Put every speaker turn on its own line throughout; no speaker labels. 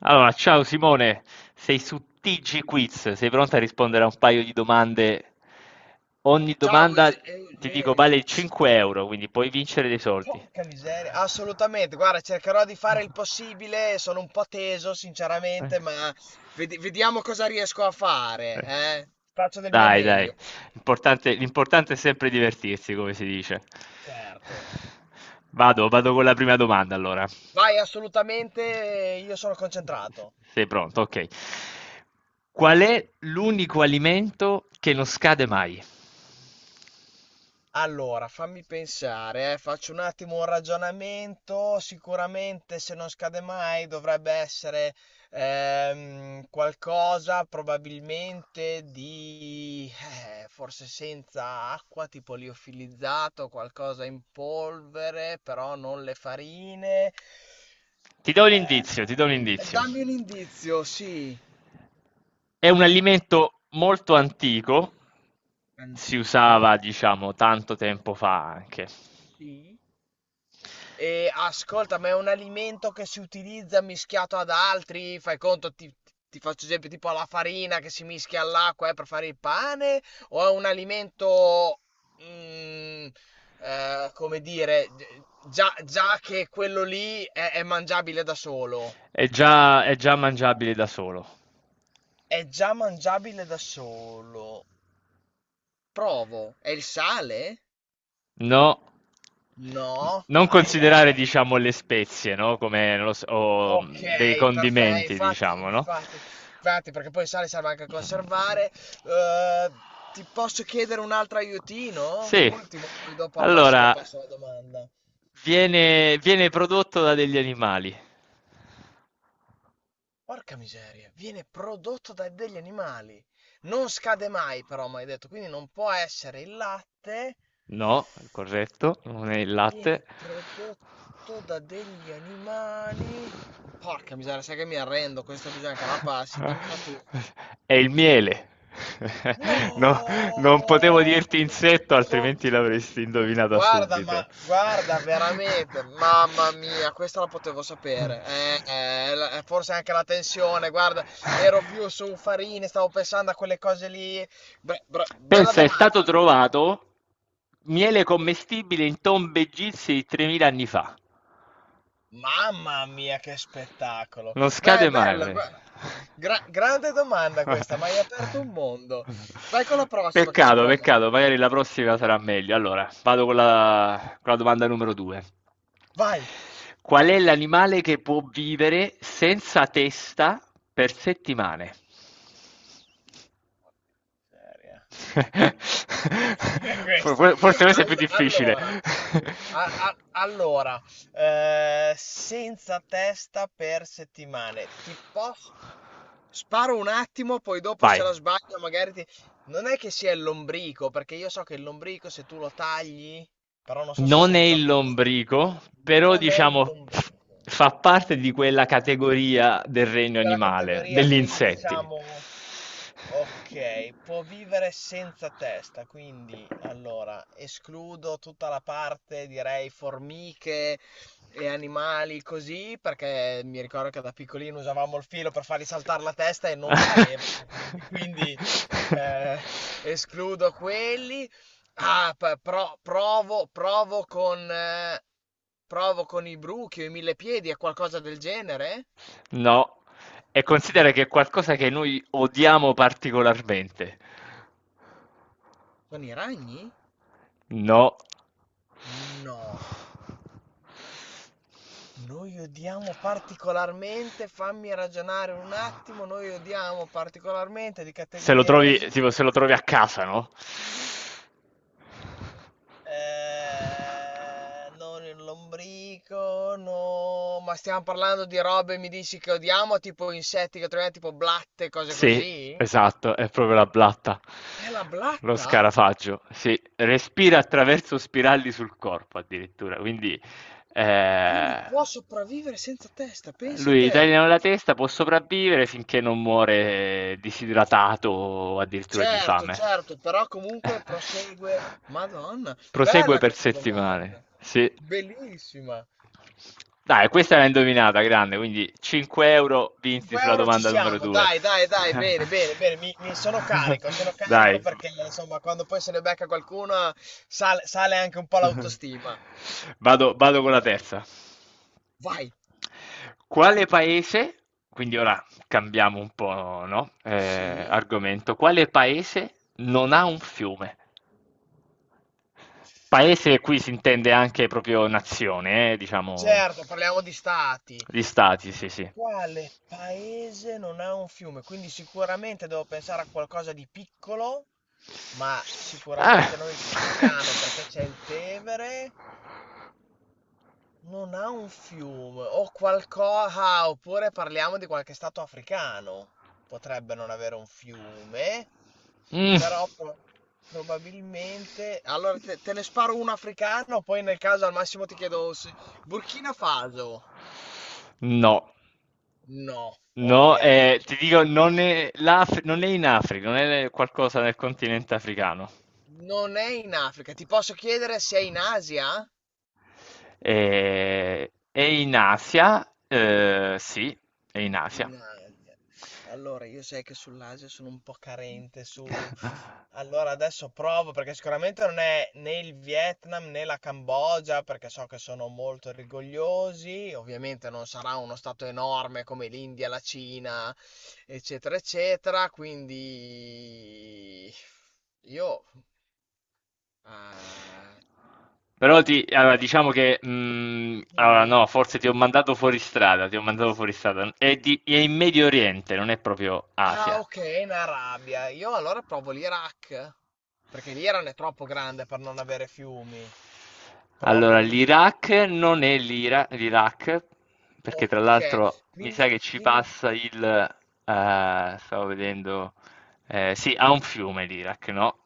Allora, ciao Simone, sei su TG Quiz, sei pronta a rispondere a un paio di domande? Ogni
Ciao
domanda, ti dico,
Eugenio.
vale
Sì,
5 euro, quindi puoi vincere dei soldi.
porca miseria, assolutamente. Guarda, cercherò di fare il possibile. Sono un po' teso,
Eh.
sinceramente, ma vediamo cosa riesco a fare.
Eh.
eh. Faccio del mio
Dai, dai.
meglio.
L'importante è sempre divertirsi, come si dice.
Certo.
Vado con la prima domanda allora.
Vai, assolutamente. Io sono concentrato.
Sei pronto? Ok. Qual è l'unico alimento che non scade mai?
Allora, fammi pensare, faccio un attimo un ragionamento. Sicuramente, se non scade mai, dovrebbe essere qualcosa probabilmente di forse senza acqua, tipo liofilizzato, qualcosa in polvere, però non le farine.
Ti do un indizio, ti do un indizio.
Dammi un indizio, sì,
È un alimento molto antico, si
antico,
usava, diciamo, tanto tempo fa anche.
sì. E ascolta, ma è un alimento che si utilizza mischiato ad altri? Fai conto, ti faccio esempio, tipo alla farina che si mischia all'acqua, per fare il pane? O è un alimento, mm, come dire, già che quello lì è mangiabile da solo?
È già mangiabile da solo.
È già mangiabile da solo. Provo. È il sale?
No,
No.
non
Ai, ai,
considerare,
ai.
diciamo, le spezie, no? Come, non lo so, o
Ok,
dei
perfetto,
condimenti, diciamo, no?
infatti, perché poi sai, serve anche a
Mm.
conservare. Eh, ti posso chiedere un altro aiutino?
Sì,
Ultimo, poi dopo al massimo
allora,
passo la domanda.
viene prodotto da degli animali.
Porca miseria, viene prodotto da degli animali. Non scade mai, però, mi hai detto, quindi non può essere il latte.
No, è corretto, non è il latte.
Viene prodotto da degli animali. Porca miseria, sai che mi arrendo, questa bisogna che la passi, dimmela tu.
È il miele.
No,
No, non potevo dirti
che
insetto,
son-
altrimenti l'avresti indovinata
guarda, ma
subito.
guarda, veramente, mamma mia, questa la potevo sapere. Forse anche la tensione, guarda, ero più su Farini, stavo pensando a quelle cose lì. Beh, bella
Pensa, è stato
domanda.
trovato miele commestibile in tombe egizie di 3.000 anni fa.
Mamma mia, che spettacolo.
Non
Beh,
scade mai,
bello,
pre-
guarda. Grande domanda questa, ma hai aperto un mondo. Vai con la prossima che ci
Peccato, peccato,
provo.
magari la prossima sarà meglio. Allora, vado con la domanda numero 2.
Vai.
Qual è l'animale che può vivere senza testa per settimane?
Seria. Madonna, di dire questo.
Forse questo è più
All-
difficile.
allora, allora, senza testa per settimane. Ti posso... Sparo un attimo, poi dopo
Vai.
se la sbaglio magari ti... Non è che sia il lombrico, perché io so che il lombrico se tu lo tagli, però non so se
Non è
senza
il
testa.
lombrico, però
Non è il
diciamo f-
lombrico.
fa parte di quella categoria del
Di
regno
quella
animale,
categoria,
degli
quindi
insetti.
diciamo okay, può vivere senza testa, quindi allora escludo tutta la parte direi formiche e animali così, perché mi ricordo che da piccolino usavamo il filo per fargli saltare la testa e non vivevano, eh, escludo quelli. Ah, provo, provo con provo con i bruchi o i millepiedi o qualcosa del genere?
No, e considera che è
No.
qualcosa che noi odiamo particolarmente.
Sono i ragni?
No.
No. Noi odiamo particolarmente, fammi ragionare un attimo, noi odiamo particolarmente di
Se lo
categorie
trovi,
così,
tipo, se lo trovi a casa, no?
non il lombrico, no, ma stiamo parlando di robe, mi dici che odiamo, tipo insetti che troviamo, tipo blatte, cose
Sì,
così?
esatto, è proprio la blatta.
È la
Lo
blatta?
scarafaggio, sì, respira attraverso spirali sul corpo addirittura, quindi
Quindi
eh,
può sopravvivere senza testa, pensa
lui
te.
taglia la testa, può sopravvivere finché non muore disidratato o addirittura di
Certo,
fame.
certo, però comunque prosegue. Madonna,
Prosegue
bella
per
questa
settimane,
domanda.
sì.
Bellissima.
Dai, questa l'ha indovinata, grande, quindi 5 euro vinti
5
sulla
euro ci
domanda numero
siamo,
2.
dai, dai, dai, bene, bene, bene, sono carico
Dai,
perché insomma quando poi se ne becca qualcuno sale, sale anche un po' l'autostima.
vado con la terza.
Vai.
Quale paese, quindi ora cambiamo un po', no?
Sì?
Argomento. Quale paese non ha un fiume? Paese qui si intende anche proprio nazione, diciamo,
Certo, parliamo di stati.
gli stati, sì, sì.
Quale paese non ha un fiume? Quindi sicuramente devo pensare a qualcosa di piccolo, ma
Ah.
sicuramente non il Vaticano perché c'è il Tevere. Non ha un fiume o qualcosa, oppure parliamo di qualche stato africano. Potrebbe non avere un fiume,
Mm.
però probabilmente... Allora te ne sparo uno africano, poi nel caso al massimo ti chiedo se... Burkina Faso?
No,
No,
no,
ok.
ti dico, non è, l'Af- non è in Africa, non è qualcosa nel continente africano.
Non è in Africa. Ti posso chiedere se è in Asia?
È in Asia, sì, è in Asia.
In Asia. Allora, io sai che sull'Asia sono un po' carente su... Allora, adesso provo perché sicuramente non è né il Vietnam né la Cambogia, perché so che sono molto rigogliosi. Ovviamente non sarà uno stato enorme come l'India, la Cina, eccetera, eccetera. Quindi io eh,
Però ti,
ti...
allora, diciamo che, allora
dimmi.
no, forse ti ho mandato fuori strada, ti ho mandato fuori strada. È in Medio Oriente, non è proprio
Ah
Asia.
okay, in Arabia. Io allora provo l'Iraq, perché l'Iran è troppo grande per non avere fiumi. Provo
Allora,
l'Iran.
l'Iraq non è l'Iraq, perché tra
Okay,
l'altro mi sa
quindi
che ci
quindi
passa stavo vedendo. Eh, sì, ha un fiume l'Iraq, no?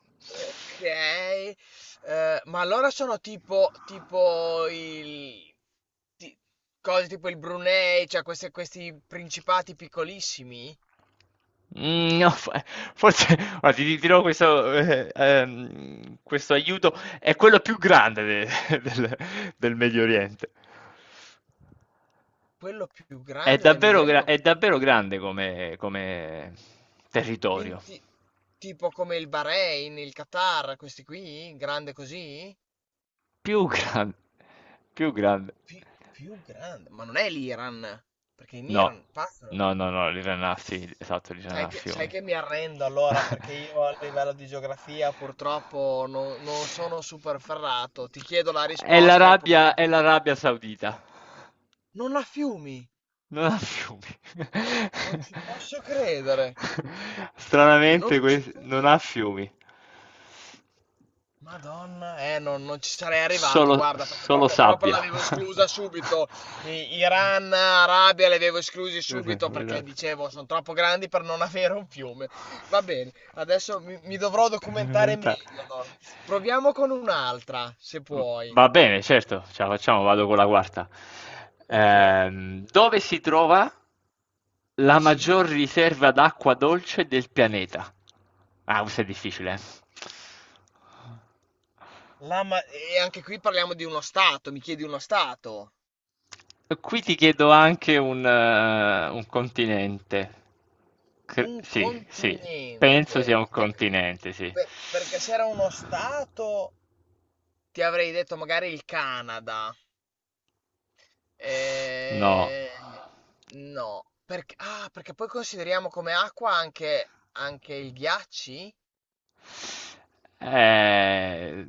okay. Ma allora sono tipo il ti cose tipo il Brunei, cioè queste questi principati piccolissimi?
Mm, no, fa- forse, guarda, ti dirò questo, questo aiuto. È quello più grande de- del Medio Oriente.
Quello più
È
grande del Medio
davvero, gra-
Oriente?
è davvero grande come territorio.
Quindi ti tipo come il Bahrain, il Qatar, questi qui? Grande così?
Più grande, più grande.
Più grande, ma non è l'Iran, perché in
No,
Iran passano.
no, no, no, l'Irana a Fiume, esatto, l'Irana a
Sai
Fiume.
che mi arrendo allora perché io a livello di geografia purtroppo non, non sono super ferrato. Ti chiedo la
È
risposta e
l'Arabia, è
purtroppo
l'Arabia Saudita,
non la fiumi.
non ha fiumi.
Non ci posso credere. Non
Stranamente,
ci
quest- non
posso.
ha fiumi,
Madonna, non, non ci sarei arrivato,
solo,
guarda, perché
solo
proprio, proprio
sabbia.
l'avevo esclusa subito. Iran, Arabia, li avevo esclusi
Sì, sì,
subito
non vedo
perché
perché.
dicevo, sono troppo grandi per non avere un fiume. Va bene, adesso mi dovrò documentare
Veramente.
meglio, allora. Proviamo con un'altra, se puoi.
Va bene, certo, ce la facciamo, vado con la quarta.
Ok,
Dove si trova la
sì.
maggior riserva d'acqua dolce del pianeta? Ah, questo è difficile.
E anche qui parliamo di uno stato, mi chiedi uno stato.
Qui ti chiedo anche un continente. Cre-
Un
sì, sì, penso
continente.
sia un
Perché,
continente, sì.
perché se era uno stato... Ti avrei detto magari il Canada.
No.
Eh, no, perché, ah, perché poi consideriamo come acqua anche, anche il ghiacci?
Eh,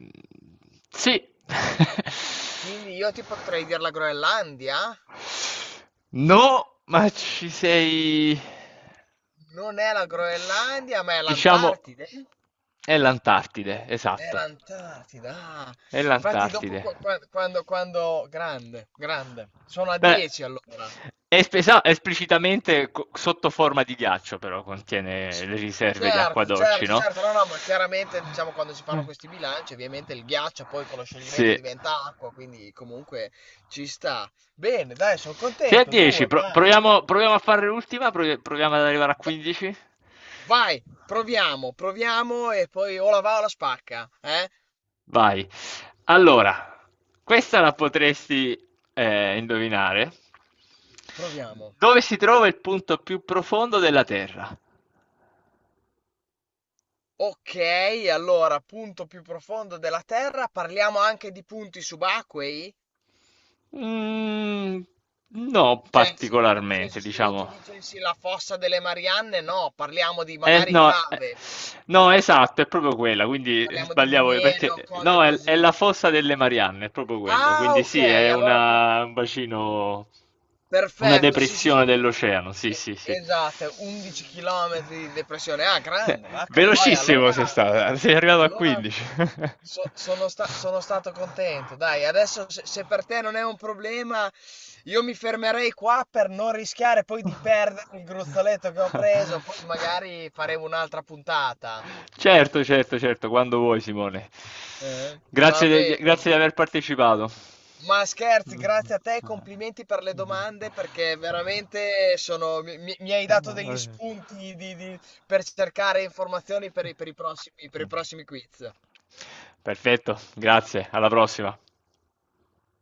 sì.
Quindi io ti potrei dire la Groenlandia?
No, ma ci sei.
Non è la Groenlandia, ma è
Diciamo,
l'Antartide.
è l'Antartide,
È
esatto.
l'Antartida. Ah.
È
Infatti dopo
l'Antartide.
quando... Grande, grande. Sono a
Beh,
10 allora.
è espesa- esplicitamente co- sotto forma di ghiaccio, però contiene
C-
le riserve di acqua
Certo,
dolci,
certo,
no?
certo, no, no, ma chiaramente diciamo quando si fanno questi bilanci, ovviamente il ghiaccio poi con lo
Sì.
scioglimento diventa acqua, quindi comunque ci sta. Bene, dai, sono
Sei a
contento,
10,
due,
pro-
dai.
proviamo, proviamo a fare l'ultima, proviamo ad arrivare a
Va-
15.
Vai, proviamo, proviamo e poi o la va o la spacca, eh?
Vai. Allora, questa la potresti indovinare.
Proviamo.
Dove si trova il punto più profondo della Terra?
Ok, allora, punto più profondo della Terra, parliamo anche di punti subacquei?
Mm, no,
Cioè, se, nel senso,
particolarmente,
se io ti
diciamo.
dicessi la fossa delle Marianne, no, parliamo di magari
No,
cave, mi dici.
no, esatto, è proprio quella, quindi
Parliamo di
sbagliavo
miniere o
perché
cose
no, è la
così.
fossa delle Marianne, è proprio quello,
Ah,
quindi
ok,
sì, è
allora
un bacino, una
perfetto. Sì, sì,
depressione
sì.
dell'oceano, sì, sì, sì.
Esatto, 11 chilometri di depressione. Ah,
Cioè,
grande, vacca. Poi allora,
Sei arrivato a
allora
15.
sono stato contento. Dai, adesso se-, se per te non è un problema, io mi fermerei qua per non rischiare poi di perdere il gruzzoletto che ho preso. Poi magari faremo un'altra puntata.
Certo, certo, certo, quando vuoi, Simone.
Va
Grazie,
bene.
grazie di aver partecipato.
Ma scherzi, grazie a te, e complimenti per le domande perché veramente sono, mi hai dato degli spunti per cercare informazioni per per i prossimi quiz.
Perfetto, grazie, alla prossima.